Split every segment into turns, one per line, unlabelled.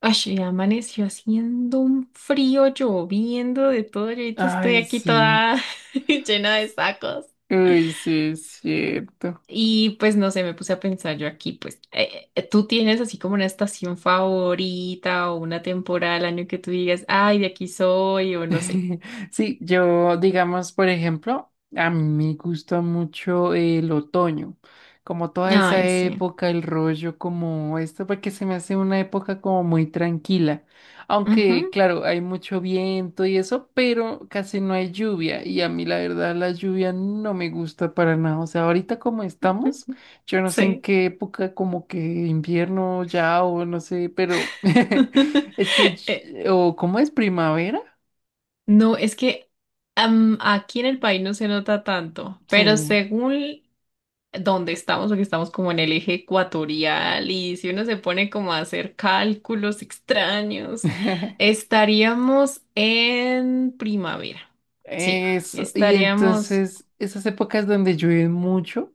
Ay, y amaneció haciendo un frío, lloviendo de todo. Yo ahorita estoy
Ay,
aquí
sí.
toda llena de sacos.
Uy, sí, es cierto.
Y pues no sé, me puse a pensar yo aquí, pues, ¿tú tienes así como una estación favorita o una temporada del año que tú digas, ay, de aquí soy o no sé?
Sí, yo, digamos, por ejemplo, a mí me gusta mucho el otoño, como toda esa
Ay, sí.
época, el rollo como esto, porque se me hace una época como muy tranquila. Aunque,
Ujú,
claro, hay mucho viento y eso, pero casi no hay lluvia. Y a mí, la verdad, la lluvia no me gusta para nada. O sea, ahorita como estamos,
ujú.
yo no sé en
Sí.
qué época, como que invierno ya o no sé, pero es que,
Eh,
o ¿cómo es primavera?
No, es que aquí en el país no se nota tanto, pero
Sí,
según donde estamos, porque estamos como en el eje ecuatorial y si uno se pone como a hacer cálculos extraños, estaríamos en primavera. Sí,
eso. Y
estaríamos.
entonces esas épocas donde llueve mucho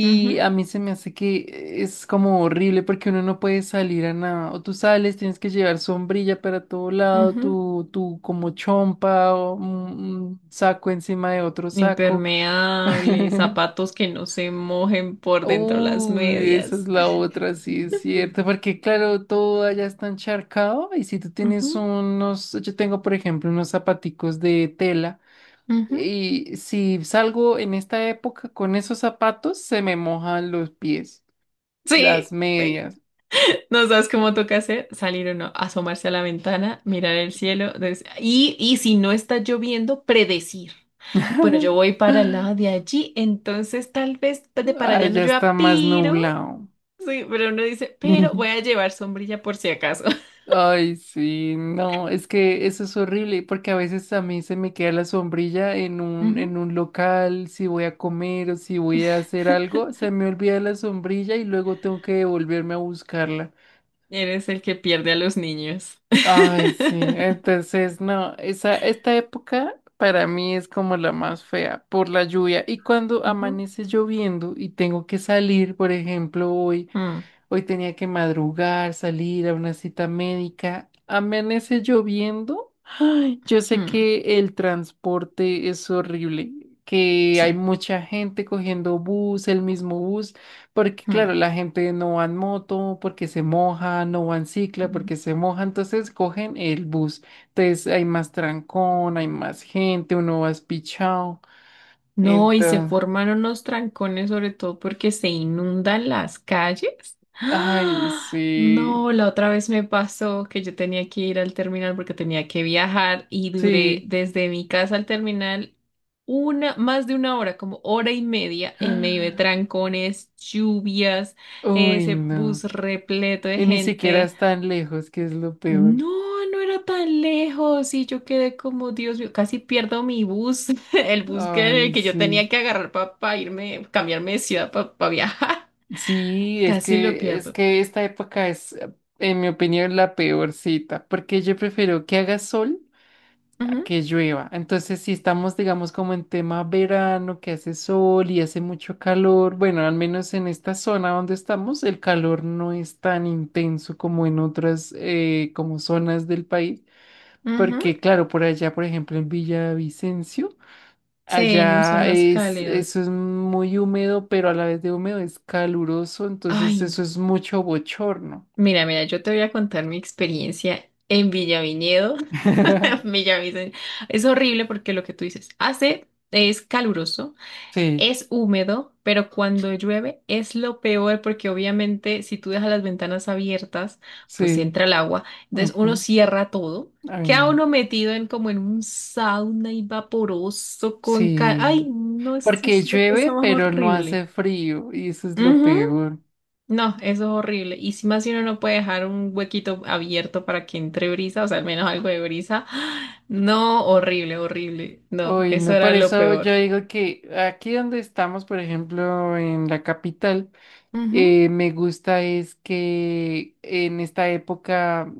Ujú,
a mí se me hace que es como horrible porque uno no puede salir a nada. O tú sales, tienes que llevar sombrilla para todo lado,
ujú.
tu como chompa o un saco encima de otro saco.
Impermeables, zapatos que no se mojen por dentro las
Uy, esa es
medias.
la otra, sí, es cierto, porque claro, todo allá está encharcado y si tú
Ujú,
tienes unos, yo tengo por ejemplo unos zapaticos de tela.
ujú.
Y si salgo en esta época con esos zapatos, se me mojan los pies, las
Sí, sí.
medias.
No sabes cómo toca hacer, salir o no, asomarse a la ventana, mirar el cielo, y si no está lloviendo, predecir. Bueno, yo voy para el lado de allí, entonces tal vez de para
Ah,
allá no
ya
llueva,
está más
pero,
nublado.
sí, pero uno dice, pero voy a llevar sombrilla por si acaso.
Ay, sí, no, es que eso es horrible, porque a veces a mí se me queda la sombrilla en un,
Ujú.
en un local, si voy a comer o si voy a hacer algo, se me olvida la sombrilla y luego tengo que devolverme a buscarla.
Eres el que pierde a los niños.
Ay, sí, entonces no, esta época para mí es como la más fea por la lluvia. Y cuando
Ujú.
amanece lloviendo y tengo que salir, por ejemplo, hoy.
Mm,
Hoy tenía que madrugar, salir a una cita médica. Amanece lloviendo. Ay, yo sé
mm,
que el transporte es horrible, que hay
sí.
mucha gente cogiendo bus, el mismo bus, porque
Mm.
claro, la gente no va en moto porque se moja, no va en cicla
Mm.
porque se moja, entonces cogen el bus. Entonces hay más trancón, hay más gente, uno va espichado.
No, y se
Entonces,
formaron los trancones, sobre todo porque se inundan las calles.
ay,
¡Ah!
sí,
No, la otra vez me pasó que yo tenía que ir al terminal porque tenía que viajar y duré
sí.
desde mi casa al terminal una, más de una hora, como hora y media, en medio de trancones, lluvias,
Uy,
ese bus
no.
repleto de
Y ni siquiera
gente.
es tan lejos, que es lo
No,
peor.
no era tan lejos y yo quedé como, Dios mío, casi pierdo mi bus, el bus
Ay,
que yo
sí.
tenía que agarrar para irme, cambiarme de ciudad para viajar.
Sí, es
Casi lo
que, es
pierdo.
que esta época es, en mi opinión, la peor cita, porque yo prefiero que haga sol a
Ujú,
que llueva. Entonces, si estamos, digamos, como en tema verano, que hace sol y hace mucho calor, bueno, al menos en esta zona donde estamos, el calor no es tan intenso como en otras, como zonas del país,
ujú.
porque claro, por allá, por ejemplo, en Villavicencio.
Sí, en
Allá
zonas
es, eso
cálidas.
es muy húmedo, pero a la vez de húmedo es caluroso, entonces
Ay, no.
eso es mucho bochorno.
Mira, mira, yo te voy a contar mi experiencia en Villaviñedo. Villavicencio. Es horrible porque lo que tú dices hace es caluroso.
Sí,
Es húmedo, pero cuando llueve es lo peor porque obviamente si tú dejas las ventanas abiertas, pues
sí.
entra el agua. Entonces uno
Ujú.
cierra todo,
Ay,
queda
no.
uno metido en como en un sauna y vaporoso con... Ay,
Sí.
no, eso
Porque
es la
llueve,
cosa más
pero no
horrible.
hace frío, y eso es lo
Ujú.
peor.
No, eso es horrible. Y si más si uno no puede dejar un huequito abierto para que entre brisa, o sea, al menos algo de brisa. No, horrible, horrible. No,
Uy,
eso
no,
era
por
lo
eso
peor.
yo digo que aquí donde estamos, por ejemplo, en la capital, me gusta es que en esta época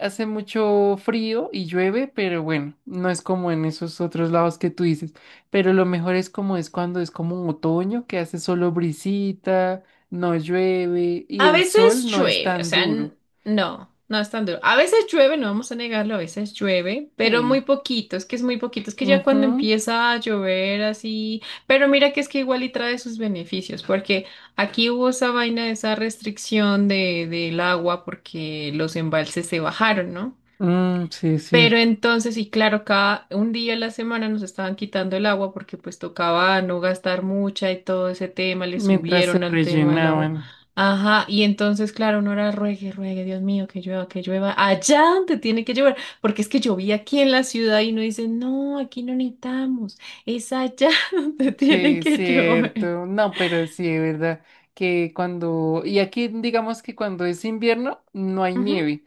hace mucho frío y llueve, pero bueno, no es como en esos otros lados que tú dices. Pero lo mejor es como es cuando es como un otoño, que hace solo brisita, no llueve y
A
el
veces
sol no es
llueve, o
tan
sea,
duro.
no, no es tan duro. A veces llueve, no vamos a negarlo, a veces llueve, pero muy
Sí.
poquito, es que es muy poquito, es que ya cuando
Ujú.
empieza a llover así, pero mira que es que igual y trae sus beneficios, porque aquí hubo esa vaina, esa restricción de, del agua porque los embalses se bajaron, ¿no?
Mm, sí, es
Pero
cierto.
entonces, y claro, cada un día a la semana nos estaban quitando el agua porque pues tocaba no gastar mucha y todo ese tema, le
Mientras se
subieron al tema del agua.
rellenaban.
Ajá, y entonces, claro, uno era ruegue, ruegue, Dios mío, que llueva, allá donde tiene que llover, porque es que llovía aquí en la ciudad y uno dice, no, aquí no necesitamos, es allá donde tiene
Sí, es
que llover.
cierto. No, pero sí, es verdad que cuando, y aquí digamos que cuando es invierno no hay
Ujú.
nieve.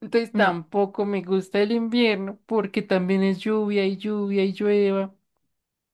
Entonces
No.
tampoco me gusta el invierno porque también es lluvia y lluvia y llueva,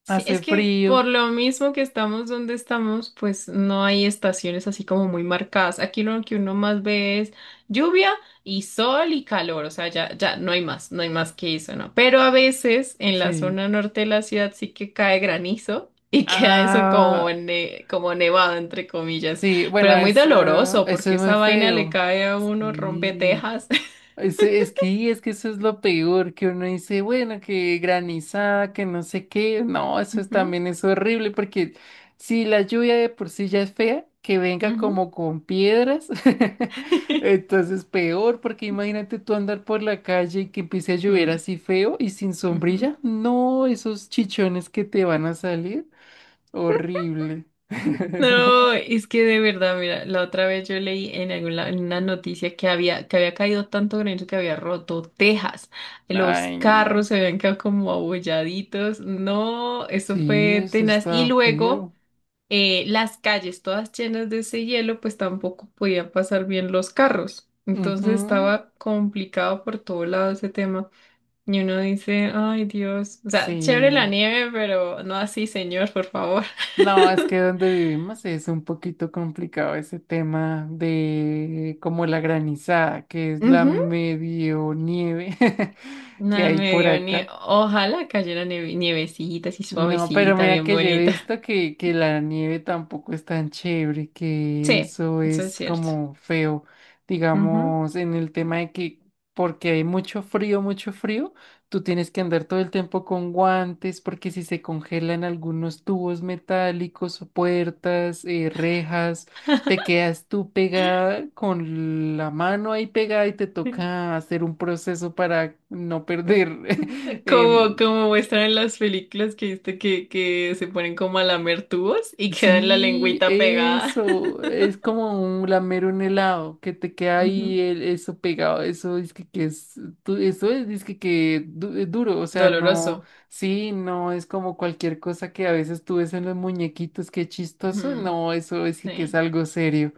Sí, es
hace
que
frío.
por lo mismo que estamos donde estamos, pues no hay estaciones así como muy marcadas. Aquí lo que uno más ve es lluvia y sol y calor, o sea, ya, ya no hay más, no hay más que eso, ¿no? Pero a veces en la
Sí.
zona norte de la ciudad sí que cae granizo y queda eso como,
Ah,
como nevado, entre comillas,
sí,
pero
bueno,
es muy
eso,
doloroso
eso
porque
es muy
esa vaina le
feo.
cae a uno, rompe
Sí.
tejas.
Es, es que eso es lo peor, que uno dice, bueno, que granizada, que no sé qué. No, eso es,
Ujú,
también es horrible, porque si la lluvia de por sí ya es fea, que venga
ujú.
como con piedras, entonces peor, porque imagínate tú andar por la calle y que empiece a llover
Mm,
así feo y sin
ujú.
sombrilla. No, esos chichones que te van a salir, horrible.
No, es que de verdad, mira, la otra vez yo leí en alguna en una noticia que había caído tanto granizo que había roto tejas, los
Ay,
carros
no.
se habían quedado como abolladitos, no, eso
Sí,
fue
eso
tenaz. Y
está
luego
feo.
las calles todas llenas de ese hielo, pues tampoco podían pasar bien los carros. Entonces
Ujú.
estaba complicado por todo lado ese tema. Y uno dice, ay Dios, o sea, chévere la
Sí.
nieve, pero no así, señor, por favor.
No, es que donde vivimos es un poquito complicado ese tema de como la granizada, que es la medio nieve que
No
hay
me
por
dio ni...
acá.
Ojalá cayera nievecita, así
No, pero
suavecita,
mira
bien
que yo he
bonita.
visto que, la nieve tampoco es tan chévere, que
Sí,
eso
eso es
es
cierto.
como feo,
Ujú.
digamos, en el tema de que porque hay mucho frío, tú tienes que andar todo el tiempo con guantes, porque si se congelan algunos tubos metálicos, o puertas, rejas, te quedas tú pegada con la mano ahí pegada y te toca hacer un proceso para no perder. em,
Como, como muestran en las películas que viste que se ponen como a lamer tubos y quedan la
Sí,
lengüita pegada.
eso, es como un lamer un helado, que te queda
Ujú.
ahí eso pegado, eso es que, es, eso es dizque que es duro, o sea, no,
Doloroso.
sí, no es como cualquier cosa que a veces tú ves en los muñequitos, qué chistoso,
Ujú.
no, eso es que es
Sí.
algo serio.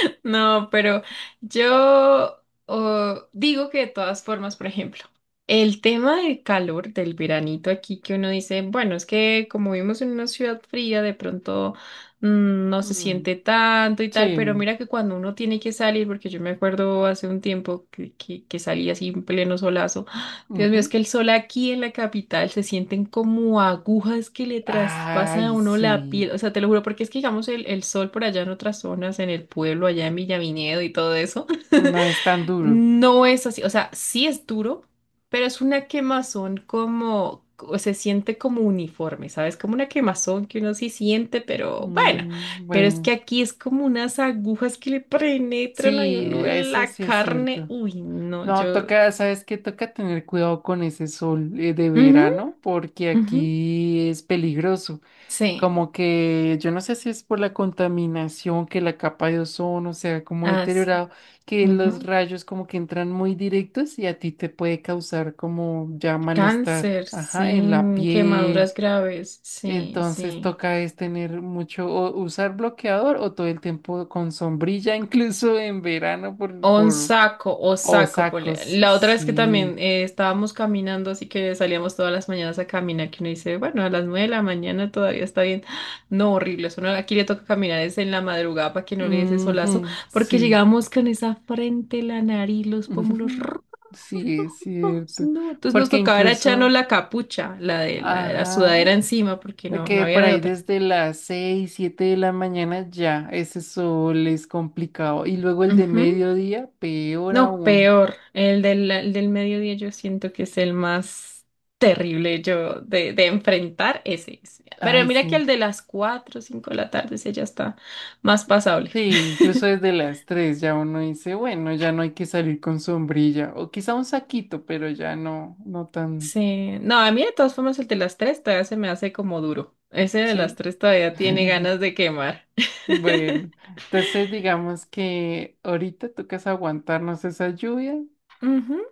No, pero yo digo que de todas formas, por ejemplo, el tema del calor, del veranito aquí, que uno dice, bueno, es que como vivimos en una ciudad fría, de pronto no se
Mm,
siente tanto y tal, pero
sí,
mira que cuando uno tiene que salir, porque yo me acuerdo hace un tiempo que salí así en pleno solazo. Dios mío, es
ujú.
que el sol aquí en la capital se sienten como agujas que le traspasan a
Ay,
uno la piel.
sí,
O sea, te lo juro, porque es que digamos el sol por allá en otras zonas, en el pueblo, allá en Villavinedo y todo eso,
no es tan duro.
no es así. O sea, sí es duro, pero es una quemazón como, o se siente como uniforme, ¿sabes? Como una quemazón que uno sí siente, pero bueno.
Mm,
Pero es que
bueno,
aquí es como unas agujas que le penetran a
sí,
uno en
eso
la
sí es
carne.
cierto.
Uy, no,
No,
yo.
toca, ¿sabes qué? Toca tener cuidado con ese sol de
Ujú,
verano porque
ujú.
aquí es peligroso.
Sí,
Como que yo no sé si es por la contaminación, que la capa de ozono se ha como
as,
deteriorado, que los
ujú.
rayos como que entran muy directos y a ti te puede causar como ya malestar,
Cáncer,
ajá, en la
sin quemaduras
piel.
graves, sí,
Entonces
sí.
toca es tener mucho, o usar bloqueador o todo el tiempo con sombrilla, incluso en verano por,
Onsaco o
o
saco, ponle.
sacos,
La otra vez que también
sí.
estábamos caminando, así que salíamos todas las mañanas a caminar, que uno dice, bueno, a las 9 de la mañana todavía está bien. No, horrible, eso no, aquí le toca caminar es en la madrugada para que no le dé ese solazo,
Ujú,
porque
sí.
llegamos con esa frente, la nariz, los pómulos
Ujú.
rojos,
Sí, es cierto.
no. Entonces nos
Porque
tocaba era echarnos
incluso,
la capucha, la de la, de la
ajá,
sudadera encima, porque no, no
que
había
por
de
ahí
otra.
desde las 6 7 de la mañana ya ese sol es complicado. Y luego el de
Ujú.
mediodía, peor
No,
aún.
peor. El del mediodía yo siento que es el más terrible yo de enfrentar ese, ese. Pero
Ay,
mira que
sí.
el de las cuatro o 5 de la tarde, ese ya está más pasable.
Sí, incluso desde las tres ya uno dice, bueno, ya no hay que salir con sombrilla. O quizá un saquito, pero ya no, no tan,
Sí. No, a mí de todas formas el de las 3 todavía se me hace como duro. Ese de las
sí.
3 todavía tiene ganas de quemar.
Bueno, entonces digamos que ahorita tocas aguantarnos esa lluvia
Ujú.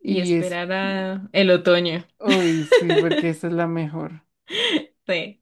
Y
y es,
esperar a el otoño.
uy, sí, porque esa es la mejor.
Sí.